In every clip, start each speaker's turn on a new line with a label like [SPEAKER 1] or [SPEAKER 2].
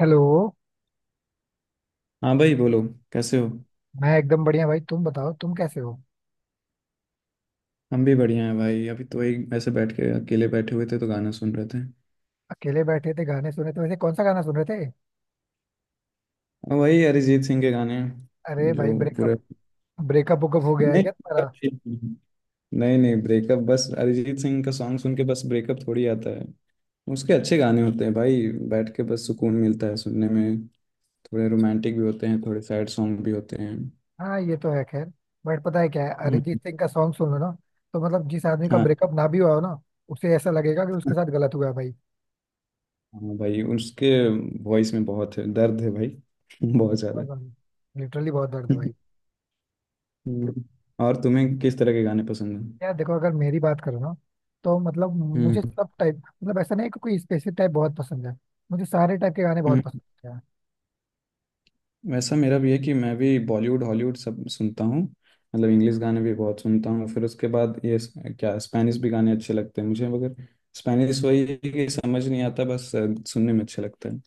[SPEAKER 1] Hello.
[SPEAKER 2] हाँ भाई, बोलो। कैसे हो?
[SPEAKER 1] मैं एकदम बढ़िया भाई। तुम बताओ, तुम कैसे हो?
[SPEAKER 2] हम भी बढ़िया हैं भाई। अभी तो वही ऐसे बैठ के अकेले बैठे हुए थे, तो गाना सुन रहे थे।
[SPEAKER 1] अकेले बैठे थे, गाने सुने थे। वैसे कौन सा गाना सुन रहे थे?
[SPEAKER 2] और वही अरिजीत सिंह के गाने।
[SPEAKER 1] अरे भाई,
[SPEAKER 2] जो पूरे।
[SPEAKER 1] ब्रेकअप ब्रेकअप वुकअप हो गया है
[SPEAKER 2] नहीं
[SPEAKER 1] क्या तुम्हारा?
[SPEAKER 2] नहीं नहीं, ब्रेकअप बस अरिजीत सिंह का सॉन्ग सुन के बस ब्रेकअप थोड़ी आता है। उसके अच्छे गाने होते हैं भाई, बैठ के बस सुकून मिलता है सुनने में। थोड़े रोमांटिक भी होते हैं, थोड़े सैड सॉन्ग भी होते हैं।
[SPEAKER 1] हाँ, ये तो है। खैर, बट पता है क्या है? अरिजीत
[SPEAKER 2] हम्म,
[SPEAKER 1] सिंह का सॉन्ग सुन लो ना। तो मतलब, जिस आदमी का
[SPEAKER 2] हाँ।
[SPEAKER 1] ब्रेकअप ना भी हुआ हो ना, उसे ऐसा लगेगा कि उसके साथ गलत हुआ है भाई।
[SPEAKER 2] हाँ भाई, उसके वॉइस में बहुत है दर्द है भाई। बहुत
[SPEAKER 1] और
[SPEAKER 2] ज़्यादा।
[SPEAKER 1] लिटरली बहुत दर्द है भाई।
[SPEAKER 2] हम्म। और तुम्हें किस तरह के गाने पसंद हैं?
[SPEAKER 1] यार देखो, अगर मेरी बात करो ना, तो मतलब
[SPEAKER 2] हम्म
[SPEAKER 1] मुझे सब टाइप, मतलब ऐसा नहीं है कि कोई स्पेसिफिक टाइप बहुत पसंद है। मुझे सारे टाइप के गाने बहुत
[SPEAKER 2] हम्म।
[SPEAKER 1] पसंद है।
[SPEAKER 2] वैसा मेरा भी है कि मैं भी बॉलीवुड हॉलीवुड सब सुनता हूँ। मतलब इंग्लिश गाने भी बहुत सुनता हूँ। फिर उसके बाद ये क्या स्पेनिश भी गाने अच्छे लगते हैं मुझे, मगर स्पेनिश वही है कि समझ नहीं आता, बस सुनने में अच्छा लगता है।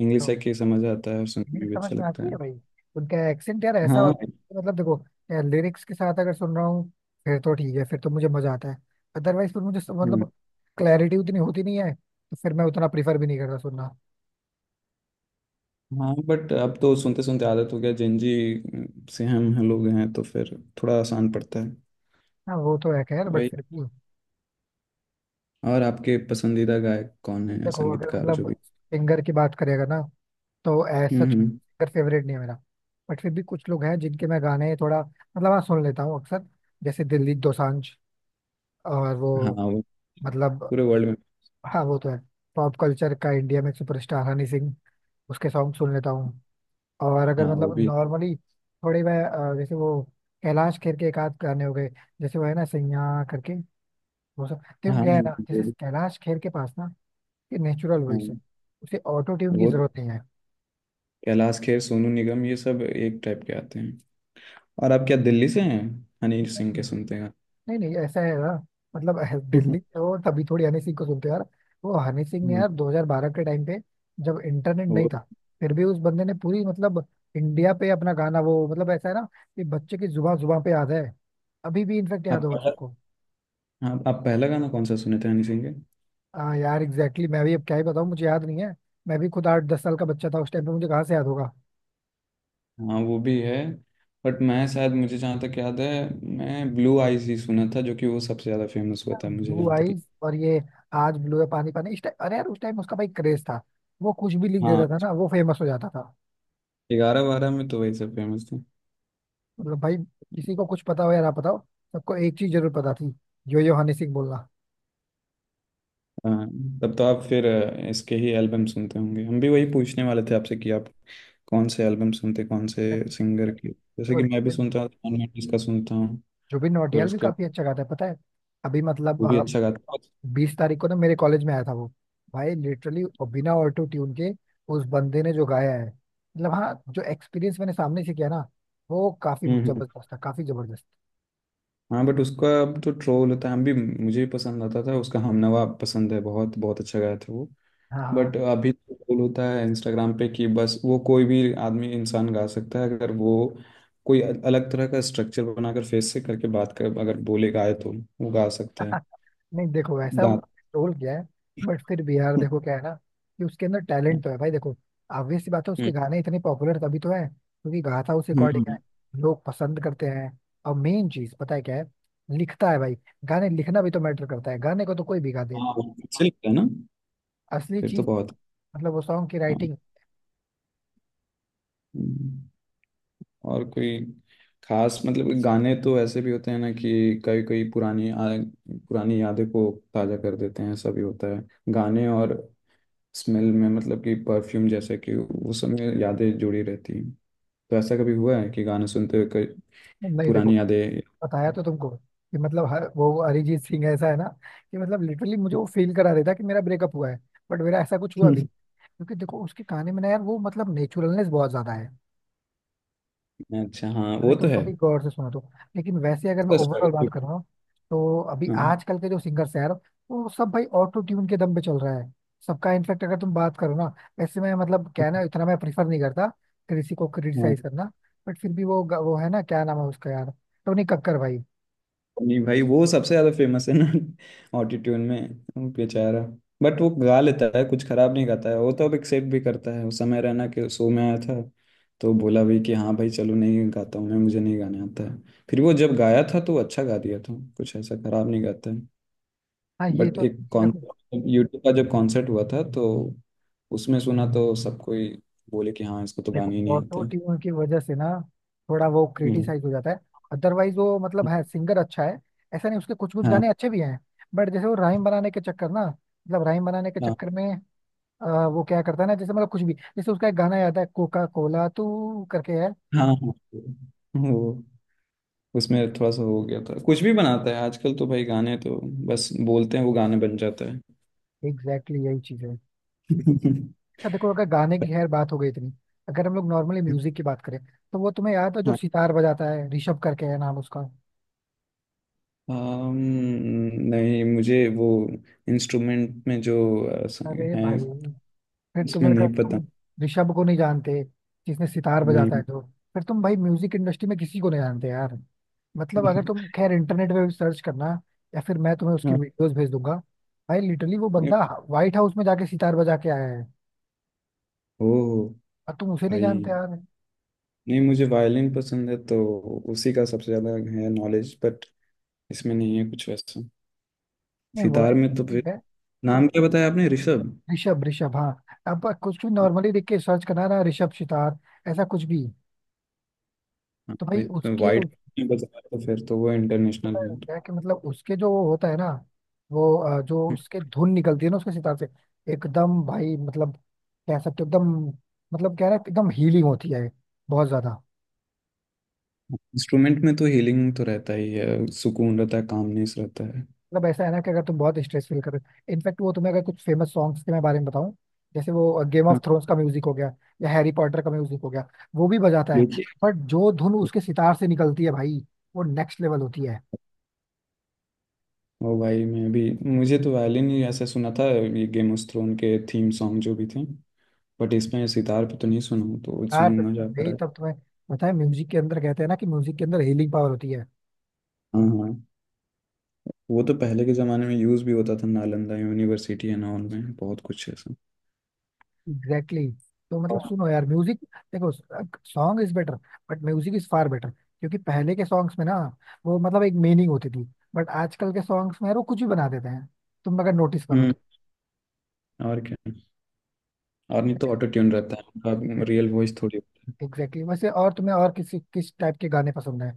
[SPEAKER 2] इंग्लिश
[SPEAKER 1] तो
[SPEAKER 2] है कि समझ आता है और सुनने में
[SPEAKER 1] हिंट
[SPEAKER 2] भी
[SPEAKER 1] समझ
[SPEAKER 2] अच्छा
[SPEAKER 1] में
[SPEAKER 2] लगता
[SPEAKER 1] आती है
[SPEAKER 2] है।
[SPEAKER 1] भाई। उनका एक्सेंट यार ऐसा
[SPEAKER 2] हाँ।
[SPEAKER 1] होता है, मतलब देखो, यार लिरिक्स के साथ अगर सुन रहा हूँ फिर तो ठीक है, फिर तो मुझे मजा आता है। अदरवाइज फिर मुझे
[SPEAKER 2] हम्म।
[SPEAKER 1] मतलब क्लैरिटी उतनी होती नहीं है, तो फिर मैं उतना प्रीफर भी नहीं करता सुनना।
[SPEAKER 2] हाँ बट अब तो सुनते सुनते आदत हो गया। जेंजी से हम लोग हैं, तो फिर थोड़ा आसान पड़ता है।
[SPEAKER 1] हाँ, वो तो है। खैर बट
[SPEAKER 2] वही।
[SPEAKER 1] फिर भी।
[SPEAKER 2] और आपके पसंदीदा गायक कौन है,
[SPEAKER 1] देखो, अगर
[SPEAKER 2] संगीतकार जो
[SPEAKER 1] मतलब
[SPEAKER 2] भी?
[SPEAKER 1] सिंगर की बात करेगा ना, तो एज
[SPEAKER 2] हम्म
[SPEAKER 1] सच
[SPEAKER 2] हम्म,
[SPEAKER 1] सिंगर फेवरेट नहीं है मेरा। बट फिर भी कुछ लोग हैं जिनके मैं गाने थोड़ा, मतलब हाँ, सुन लेता हूँ अक्सर, जैसे दिलजीत दोसांझ, और वो
[SPEAKER 2] हाँ वो
[SPEAKER 1] मतलब,
[SPEAKER 2] पूरे वर्ल्ड में।
[SPEAKER 1] हाँ, वो तो है। पॉप कल्चर का इंडिया में सुपरस्टार हनी सिंह, उसके सॉन्ग सुन लेता हूँ। और अगर
[SPEAKER 2] हाँ वो
[SPEAKER 1] मतलब
[SPEAKER 2] भी।
[SPEAKER 1] नॉर्मली थोड़े मैं, जैसे वो कैलाश खेर के एक आध गाने हो गए, जैसे वो है ना सैया करके। वो सब
[SPEAKER 2] हाँ
[SPEAKER 1] देखो
[SPEAKER 2] हाँ,
[SPEAKER 1] क्या है ना, जैसे
[SPEAKER 2] वो भी।
[SPEAKER 1] कैलाश खेर के पास ना ये नेचुरल वॉइस है।
[SPEAKER 2] हाँ
[SPEAKER 1] उसे ऑटो ट्यून की
[SPEAKER 2] वो तो।
[SPEAKER 1] जरूरत नहीं
[SPEAKER 2] कैलाश खेर, सोनू निगम, ये सब एक टाइप के आते हैं। और आप क्या दिल्ली से हैं? हनी
[SPEAKER 1] है।
[SPEAKER 2] सिंह के सुनते हैं आप?
[SPEAKER 1] नहीं नहीं, ऐसा है ना, मतलब
[SPEAKER 2] हम्म,
[SPEAKER 1] दिल्ली और तभी थोड़ी हनी सिंह को सुनते हो यार। वो हनी सिंह ने यार 2012 के टाइम पे, जब इंटरनेट नहीं
[SPEAKER 2] वो
[SPEAKER 1] था, फिर भी उस बंदे ने पूरी मतलब इंडिया पे अपना गाना, वो मतलब ऐसा है ना कि बच्चे की जुबा जुबा पे याद है। अभी भी इनफेक्ट याद
[SPEAKER 2] आप
[SPEAKER 1] होगा
[SPEAKER 2] पहला
[SPEAKER 1] सबको।
[SPEAKER 2] आप पहला गाना कौन सा सुने थे हनी सिंह के?
[SPEAKER 1] हाँ यार एग्जैक्टली exactly, मैं भी अब क्या ही बताऊँ, मुझे याद नहीं है। मैं भी खुद 8-10 साल का बच्चा था उस टाइम पे, मुझे कहाँ से याद होगा।
[SPEAKER 2] हाँ वो भी है। बट मैं, शायद मुझे जहाँ तक याद है, मैं ब्लू आईज ही सुना था, जो कि वो सबसे ज़्यादा फेमस हुआ था मुझे
[SPEAKER 1] ब्लू
[SPEAKER 2] जहाँ तक।
[SPEAKER 1] आईज और ये आज ब्लू है पानी पानी इस टाइम, अरे यार उस टाइम उसका भाई क्रेज था। वो कुछ भी लिख
[SPEAKER 2] हाँ।
[SPEAKER 1] देता था ना, वो फेमस हो जाता था।
[SPEAKER 2] 11-12 में तो वही सब फेमस था।
[SPEAKER 1] मतलब भाई, किसी को कुछ पता हो या ना पता हो, सबको एक चीज जरूर पता थी यो यो हनी सिंह बोलना।
[SPEAKER 2] हाँ, तब तो आप फिर इसके ही एल्बम सुनते होंगे। हम भी वही पूछने वाले थे आपसे कि आप कौन से एल्बम सुनते, कौन से सिंगर के। जैसे
[SPEAKER 1] देखो,
[SPEAKER 2] कि मैं भी
[SPEAKER 1] जुबिन
[SPEAKER 2] सुनता हूँ, जॉन मेंडिस का सुनता हूँ।
[SPEAKER 1] जुबिन
[SPEAKER 2] फिर
[SPEAKER 1] नौटियाल भी
[SPEAKER 2] उसके बाद।
[SPEAKER 1] काफी अच्छा गाता है पता है। अभी
[SPEAKER 2] वो भी
[SPEAKER 1] मतलब,
[SPEAKER 2] अच्छा गाता है।
[SPEAKER 1] 20 तारीख को ना मेरे कॉलेज में आया था वो। भाई लिटरली, बिना ऑटो ट्यून के उस बंदे ने जो गाया है, मतलब हाँ, जो एक्सपीरियंस मैंने सामने से किया ना, वो काफी
[SPEAKER 2] हम्म हम्म।
[SPEAKER 1] जबरदस्त था, काफी जबरदस्त।
[SPEAKER 2] हाँ बट उसका अब तो ट्रोल होता है। हम भी, मुझे भी पसंद आता था उसका। हमनवा पसंद है, बहुत बहुत अच्छा गाया था वो।
[SPEAKER 1] हाँ हाँ।
[SPEAKER 2] बट अभी तो ट्रोल होता है इंस्टाग्राम पे कि बस वो कोई भी आदमी, इंसान गा सकता है, अगर वो कोई अलग तरह का स्ट्रक्चर बनाकर फेस से करके बात कर, अगर बोले गाए, तो वो गा सकता
[SPEAKER 1] नहीं देखो वैसा
[SPEAKER 2] है।
[SPEAKER 1] रोल किया है, बट फिर भी यार
[SPEAKER 2] हम्म
[SPEAKER 1] देखो क्या है ना, कि उसके अंदर टैलेंट तो है भाई, देखो, obvious सी बात है, उसके
[SPEAKER 2] हम्म,
[SPEAKER 1] गाने इतने पॉपुलर तभी तो है क्योंकि गाता उस
[SPEAKER 2] हम्म,
[SPEAKER 1] अकॉर्डिंग है।
[SPEAKER 2] हम्म।
[SPEAKER 1] लोग पसंद करते हैं। और मेन चीज पता है क्या है? लिखता है भाई। गाने लिखना भी तो मैटर करता है, गाने को तो कोई भी गा दे।
[SPEAKER 2] हाँ। अच्छा लगता है ना?
[SPEAKER 1] असली
[SPEAKER 2] फिर तो
[SPEAKER 1] चीज
[SPEAKER 2] बहुत।
[SPEAKER 1] मतलब वो सॉन्ग की
[SPEAKER 2] हाँ।
[SPEAKER 1] राइटिंग।
[SPEAKER 2] हम्म, और कोई खास, मतलब गाने तो ऐसे भी होते हैं ना कि कई कई पुरानी पुरानी यादें को ताजा कर देते हैं। ऐसा भी होता है गाने। और स्मेल में, मतलब कि परफ्यूम, जैसे कि वो सब में यादें जुड़ी रहती हैं। तो ऐसा कभी हुआ है कि गाने सुनते हुए कई
[SPEAKER 1] नहीं देखो,
[SPEAKER 2] पुरानी यादें?
[SPEAKER 1] बताया तो तुमको, कि मतलब वो अरिजीत सिंह ऐसा है ना, कि मतलब लिटरली मुझे वो फील करा देता कि मेरा ब्रेकअप हुआ है, बट मेरा ऐसा कुछ हुआ भी। क्योंकि देखो, उसकी कहानी में ना यार, वो मतलब नेचुरलनेस बहुत ज्यादा है।
[SPEAKER 2] अच्छा, हाँ
[SPEAKER 1] अगर
[SPEAKER 2] वो तो
[SPEAKER 1] तुम
[SPEAKER 2] है।
[SPEAKER 1] कभी गौर से सुनो तो। लेकिन वैसे अगर मैं
[SPEAKER 2] उसका
[SPEAKER 1] ओवरऑल
[SPEAKER 2] struggle भी-।
[SPEAKER 1] बात कर रहा हूँ, तो अभी आजकल के जो सिंगर्स हैं यार, वो सब भाई ऑटो ट्यून के दम पे चल रहा है। सबका इनफेक्ट अगर तुम बात करो ना, ऐसे में मतलब क्या है ना, इतना मैं प्रीफर नहीं करता किसी को
[SPEAKER 2] हाँ।
[SPEAKER 1] क्रिटिसाइज करना। बट फिर भी वो वो है ना, क्या नाम है उसका यार, टोनी कक्कर भाई।
[SPEAKER 2] नहीं भाई, वो सबसे ज्यादा फेमस है ना। ऑटिट्यूड में। वो बेचारा। बट वो गा लेता है, कुछ खराब नहीं गाता है। वो तो अब एक्सेप्ट भी करता है, उस समय रहना के शो में आया था तो बोला भी कि हाँ भाई चलो, नहीं गाता हूँ मैं, मुझे नहीं गाने आता है। फिर वो जब गाया था, तो अच्छा गा दिया था। कुछ ऐसा खराब नहीं गाता है।
[SPEAKER 1] हाँ, ये
[SPEAKER 2] बट
[SPEAKER 1] तो
[SPEAKER 2] एक
[SPEAKER 1] है।
[SPEAKER 2] कॉन्सर्ट, यूट्यूब का जब कॉन्सर्ट हुआ था, तो उसमें सुना तो सब कोई बोले कि हाँ, इसको तो
[SPEAKER 1] देखो
[SPEAKER 2] गाने ही नहीं
[SPEAKER 1] ऑटो
[SPEAKER 2] आते।
[SPEAKER 1] ट्यून की वजह से ना, थोड़ा वो
[SPEAKER 2] हम्म।
[SPEAKER 1] क्रिटिसाइज हो जाता है। अदरवाइज वो मतलब है, सिंगर अच्छा है, ऐसा नहीं, उसके कुछ कुछ
[SPEAKER 2] हाँ
[SPEAKER 1] गाने अच्छे भी हैं। बट जैसे वो राइम बनाने के चक्कर ना, मतलब राइम बनाने के
[SPEAKER 2] हाँ।
[SPEAKER 1] चक्कर में, वो क्या करता है ना, जैसे मतलब कुछ भी, जैसे उसका एक गाना याद है कोका कोला तू करके है।
[SPEAKER 2] हाँ हाँ वो। उसमें थोड़ा सा हो गया था, कुछ भी बनाता है आजकल तो भाई। गाने तो बस बोलते हैं, वो गाने बन जाता है।
[SPEAKER 1] एग्जैक्टली यही चीज है। अच्छा, देखो अगर गाने की खैर बात हो गई इतनी, अगर हम लोग नॉर्मली म्यूजिक की बात करें, तो वो तुम्हें याद है, जो
[SPEAKER 2] हाँ।
[SPEAKER 1] सितार बजाता है ऋषभ करके है नाम उसका।
[SPEAKER 2] अम, नहीं, मुझे वो इंस्ट्रूमेंट में जो अ, स-
[SPEAKER 1] अरे
[SPEAKER 2] है,
[SPEAKER 1] भाई, फिर
[SPEAKER 2] उसमें
[SPEAKER 1] तुम्हें, अगर
[SPEAKER 2] नहीं पता।
[SPEAKER 1] तुम ऋषभ को नहीं जानते, जिसने सितार बजाता है
[SPEAKER 2] नहीं।
[SPEAKER 1] तो, फिर तुम भाई म्यूजिक इंडस्ट्री में किसी को नहीं जानते यार। मतलब अगर तुम खैर इंटरनेट पे भी सर्च करना, या फिर मैं तुम्हें उसकी
[SPEAKER 2] हाँ,
[SPEAKER 1] वीडियोस भेज दूंगा। भाई लिटरली वो
[SPEAKER 2] नहीं।
[SPEAKER 1] बंदा व्हाइट हाउस में जाके सितार बजा के आया है,
[SPEAKER 2] ओ
[SPEAKER 1] और तुम उसे नहीं
[SPEAKER 2] भाई,
[SPEAKER 1] जानते यार।
[SPEAKER 2] नहीं, मुझे वायलिन पसंद है तो उसी का सबसे ज्यादा है नॉलेज। बट इसमें नहीं है कुछ वैसा।
[SPEAKER 1] नहीं
[SPEAKER 2] सितार
[SPEAKER 1] वर्ड
[SPEAKER 2] में तो फिर,
[SPEAKER 1] ठीक है।
[SPEAKER 2] नाम क्या बताया आपने? ऋषभ।
[SPEAKER 1] ऋषभ, ऋषभ हाँ। अब कुछ भी नॉर्मली देख के सर्च करना ना, ऋषभ सितार, ऐसा कुछ भी। तो भाई उसके
[SPEAKER 2] वाइड बजाया, तो फिर तो वो इंटरनेशनल
[SPEAKER 1] पता है
[SPEAKER 2] है।
[SPEAKER 1] क्या है, कि मतलब उसके जो वो होता है ना, वो जो उसके धुन निकलती है ना उसके सितार से, एकदम भाई मतलब, कह सकते हो एकदम, मतलब कह रहा है एकदम हीलिंग होती है, बहुत ज्यादा।
[SPEAKER 2] इंस्ट्रूमेंट में तो हीलिंग तो रहता ही है, सुकून रहता है, कामनेस रहता है।
[SPEAKER 1] मतलब ऐसा है ना, कि अगर तुम बहुत स्ट्रेस फील कर रहे हो, इनफैक्ट वो तुम्हें, अगर कुछ फेमस सॉन्ग्स के मैं बारे में बताऊं, जैसे वो गेम ऑफ
[SPEAKER 2] हाँ।
[SPEAKER 1] थ्रोन्स का म्यूजिक हो गया, या हैरी पॉटर का म्यूजिक हो गया, वो भी बजाता है।
[SPEAKER 2] लेकिन।
[SPEAKER 1] बट जो धुन उसके सितार से निकलती है भाई, वो नेक्स्ट लेवल होती है।
[SPEAKER 2] ओ भाई, मैं भी, मुझे तो वायलिन ही ऐसा सुना था, ये गेम ऑफ थ्रोन के थीम सॉन्ग जो भी थे। बट इसमें सितार पे तो नहीं सुना हूं, तो
[SPEAKER 1] यार
[SPEAKER 2] सुनूंगा जाकर
[SPEAKER 1] भाई,
[SPEAKER 2] आज।
[SPEAKER 1] तब तुम्हें पता है म्यूजिक के अंदर कहते हैं ना, कि म्यूजिक के अंदर हीलिंग पावर होती है।
[SPEAKER 2] हाँ हाँ, वो तो पहले के ज़माने में यूज़ भी होता था। नालंदा यूनिवर्सिटी एंड ऑल में बहुत कुछ ऐसा।
[SPEAKER 1] Exactly exactly। तो मतलब सुनो यार म्यूजिक, देखो song is better, but music is far better, क्योंकि पहले के सॉन्ग्स में ना, वो मतलब एक मीनिंग होती थी। बट आजकल के सॉन्ग्स में यार, वो कुछ भी बना देते हैं, तुम अगर नोटिस करो
[SPEAKER 2] हम्म।
[SPEAKER 1] तो।
[SPEAKER 2] और क्या, और नहीं तो ऑटो ट्यून रहता है, उनका रियल वॉइस थोड़ी होता।
[SPEAKER 1] Exactly exactly। वैसे और तुम्हें और किसी किस टाइप के गाने पसंद है?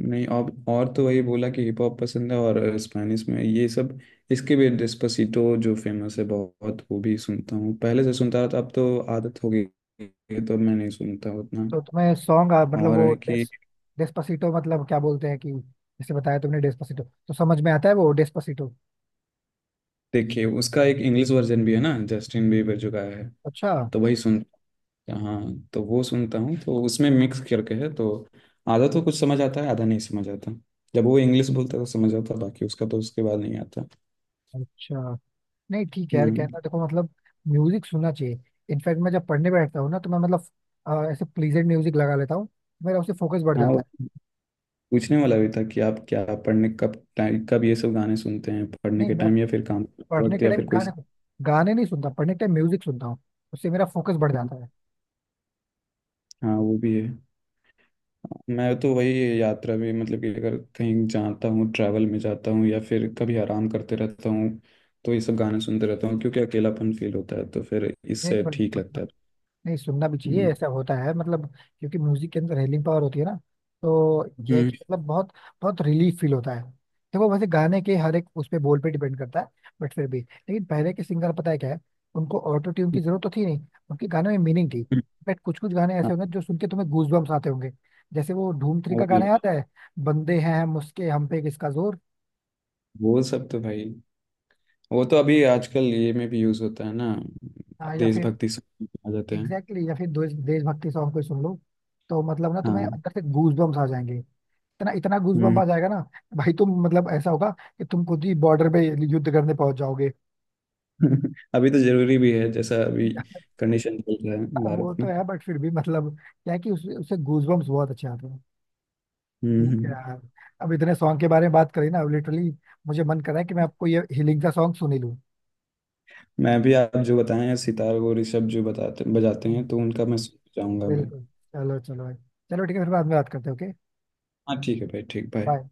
[SPEAKER 2] नहीं, और तो वही बोला कि हिप हॉप पसंद है, और स्पेनिश में ये सब। इसके भी डेस्पासितो जो फेमस है बहुत, वो भी सुनता हूँ। पहले से सुनता था, अब तो आदत हो गई है, तो अब मैं नहीं सुनता उतना।
[SPEAKER 1] तो तुम्हें सॉन्ग मतलब
[SPEAKER 2] और
[SPEAKER 1] वो
[SPEAKER 2] है कि,
[SPEAKER 1] डेस्पासिटो मतलब क्या बोलते हैं कि, जैसे बताया तुमने डेस्पासिटो तो समझ में आता है वो डेस्पासिटो।
[SPEAKER 2] देखिए उसका एक इंग्लिश वर्जन भी है ना, जस्टिन बीबर जो गाया है,
[SPEAKER 1] अच्छा,
[SPEAKER 2] तो वही सुनता। हाँ, तो वो सुनता हूँ, तो उसमें मिक्स करके है, तो आधा तो कुछ समझ आता है, आधा नहीं समझ आता। जब वो इंग्लिश बोलता है तो समझ आता, बाकी उसका तो उसके बाद नहीं आता।
[SPEAKER 1] अच्छा। नहीं ठीक है यार,
[SPEAKER 2] हम्म।
[SPEAKER 1] कहना, देखो मतलब, म्यूजिक सुनना चाहिए। इनफैक्ट मैं जब पढ़ने बैठता हूँ ना, तो मैं मतलब ऐसे प्लीजेंट म्यूजिक लगा लेता हूँ। मेरा उससे फोकस बढ़
[SPEAKER 2] हाँ,
[SPEAKER 1] जाता है।
[SPEAKER 2] पूछने वाला भी था कि आप क्या पढ़ने कब, टाइम कब ये सब गाने सुनते हैं, पढ़ने
[SPEAKER 1] नहीं
[SPEAKER 2] के
[SPEAKER 1] मैं
[SPEAKER 2] टाइम या फिर काम करते
[SPEAKER 1] पढ़ने
[SPEAKER 2] वक्त
[SPEAKER 1] के
[SPEAKER 2] या
[SPEAKER 1] टाइम
[SPEAKER 2] फिर कोई?
[SPEAKER 1] गाने, गाने नहीं सुनता। पढ़ने के टाइम म्यूजिक सुनता हूँ। उससे मेरा फोकस बढ़ जाता है।
[SPEAKER 2] हाँ वो भी है। मैं तो वही यात्रा में, मतलब कि अगर कहीं जाता हूँ, ट्रैवल में जाता हूँ, या फिर कभी आराम करते रहता हूँ, तो ये सब गाने सुनते रहता हूँ। क्योंकि अकेलापन फील होता है, तो फिर
[SPEAKER 1] नहीं
[SPEAKER 2] इससे ठीक
[SPEAKER 1] नहीं,
[SPEAKER 2] लगता है।
[SPEAKER 1] नहीं सुनना भी चाहिए,
[SPEAKER 2] हम्म,
[SPEAKER 1] ऐसा होता है मतलब, क्योंकि म्यूजिक के अंदर हीलिंग पावर होती है ना, तो ये है
[SPEAKER 2] हम्म,
[SPEAKER 1] कि मतलब बहुत बहुत रिलीफ फील होता है। देखो, वैसे गाने के हर एक उस पे बोल पे डिपेंड करता है। बट फिर भी, लेकिन पहले के सिंगर पता है क्या है, उनको ऑटो ट्यून की जरूरत तो थी नहीं, उनके गाने में मीनिंग थी।
[SPEAKER 2] हम्म,
[SPEAKER 1] बट कुछ कुछ गाने
[SPEAKER 2] हाँ,
[SPEAKER 1] ऐसे होंगे जो सुन के तुम्हें गूज बम्स आते होंगे। जैसे वो धूम 3 का
[SPEAKER 2] और ये-।
[SPEAKER 1] गाना आता है बंदे हैं हम उसके, हम पे किसका जोर।
[SPEAKER 2] वो सब तो भाई, वो तो अभी आजकल ये में भी यूज होता है ना,
[SPEAKER 1] हाँ, या फिर
[SPEAKER 2] देशभक्ति सॉन्ग आ जाते हैं।
[SPEAKER 1] एग्जैक्टली exactly, या फिर देशभक्ति सॉन्ग कोई सुन लो, तो मतलब ना तुम्हें
[SPEAKER 2] हाँ।
[SPEAKER 1] अंदर से गूज बम्स आ जाएंगे, इतना इतना गूजबम्प
[SPEAKER 2] हम्म।
[SPEAKER 1] आ जाएगा ना। भाई तुम, मतलब ऐसा होगा कि तुम खुद ही बॉर्डर पे युद्ध करने पहुंच जाओगे।
[SPEAKER 2] अभी तो जरूरी भी है, जैसा अभी कंडीशन चल रहा है
[SPEAKER 1] वो
[SPEAKER 2] भारत
[SPEAKER 1] तो
[SPEAKER 2] में।
[SPEAKER 1] है, बट फिर भी मतलब क्या है कि उससे गूजबम्प्स बहुत अच्छे आते हैं।
[SPEAKER 2] हम्म
[SPEAKER 1] ठीक है
[SPEAKER 2] हम्म।
[SPEAKER 1] यार, अब इतने सॉन्ग के बारे में बात करी ना, अब लिटरली मुझे मन कर रहा है कि मैं आपको ये हीलिंग का सॉन्ग सुन ही लूँ।
[SPEAKER 2] मैं भी आप जो बताएं, सितार और ऋषभ जो बताते बजाते हैं,
[SPEAKER 1] हाँ,
[SPEAKER 2] तो उनका मैं सुनना चाहूंगा अभी।
[SPEAKER 1] बिल्कुल। चलो चलो भाई, चलो ठीक है, फिर बाद में बात करते हैं, ओके।
[SPEAKER 2] हाँ ठीक है भाई, ठीक भाई।
[SPEAKER 1] बाय।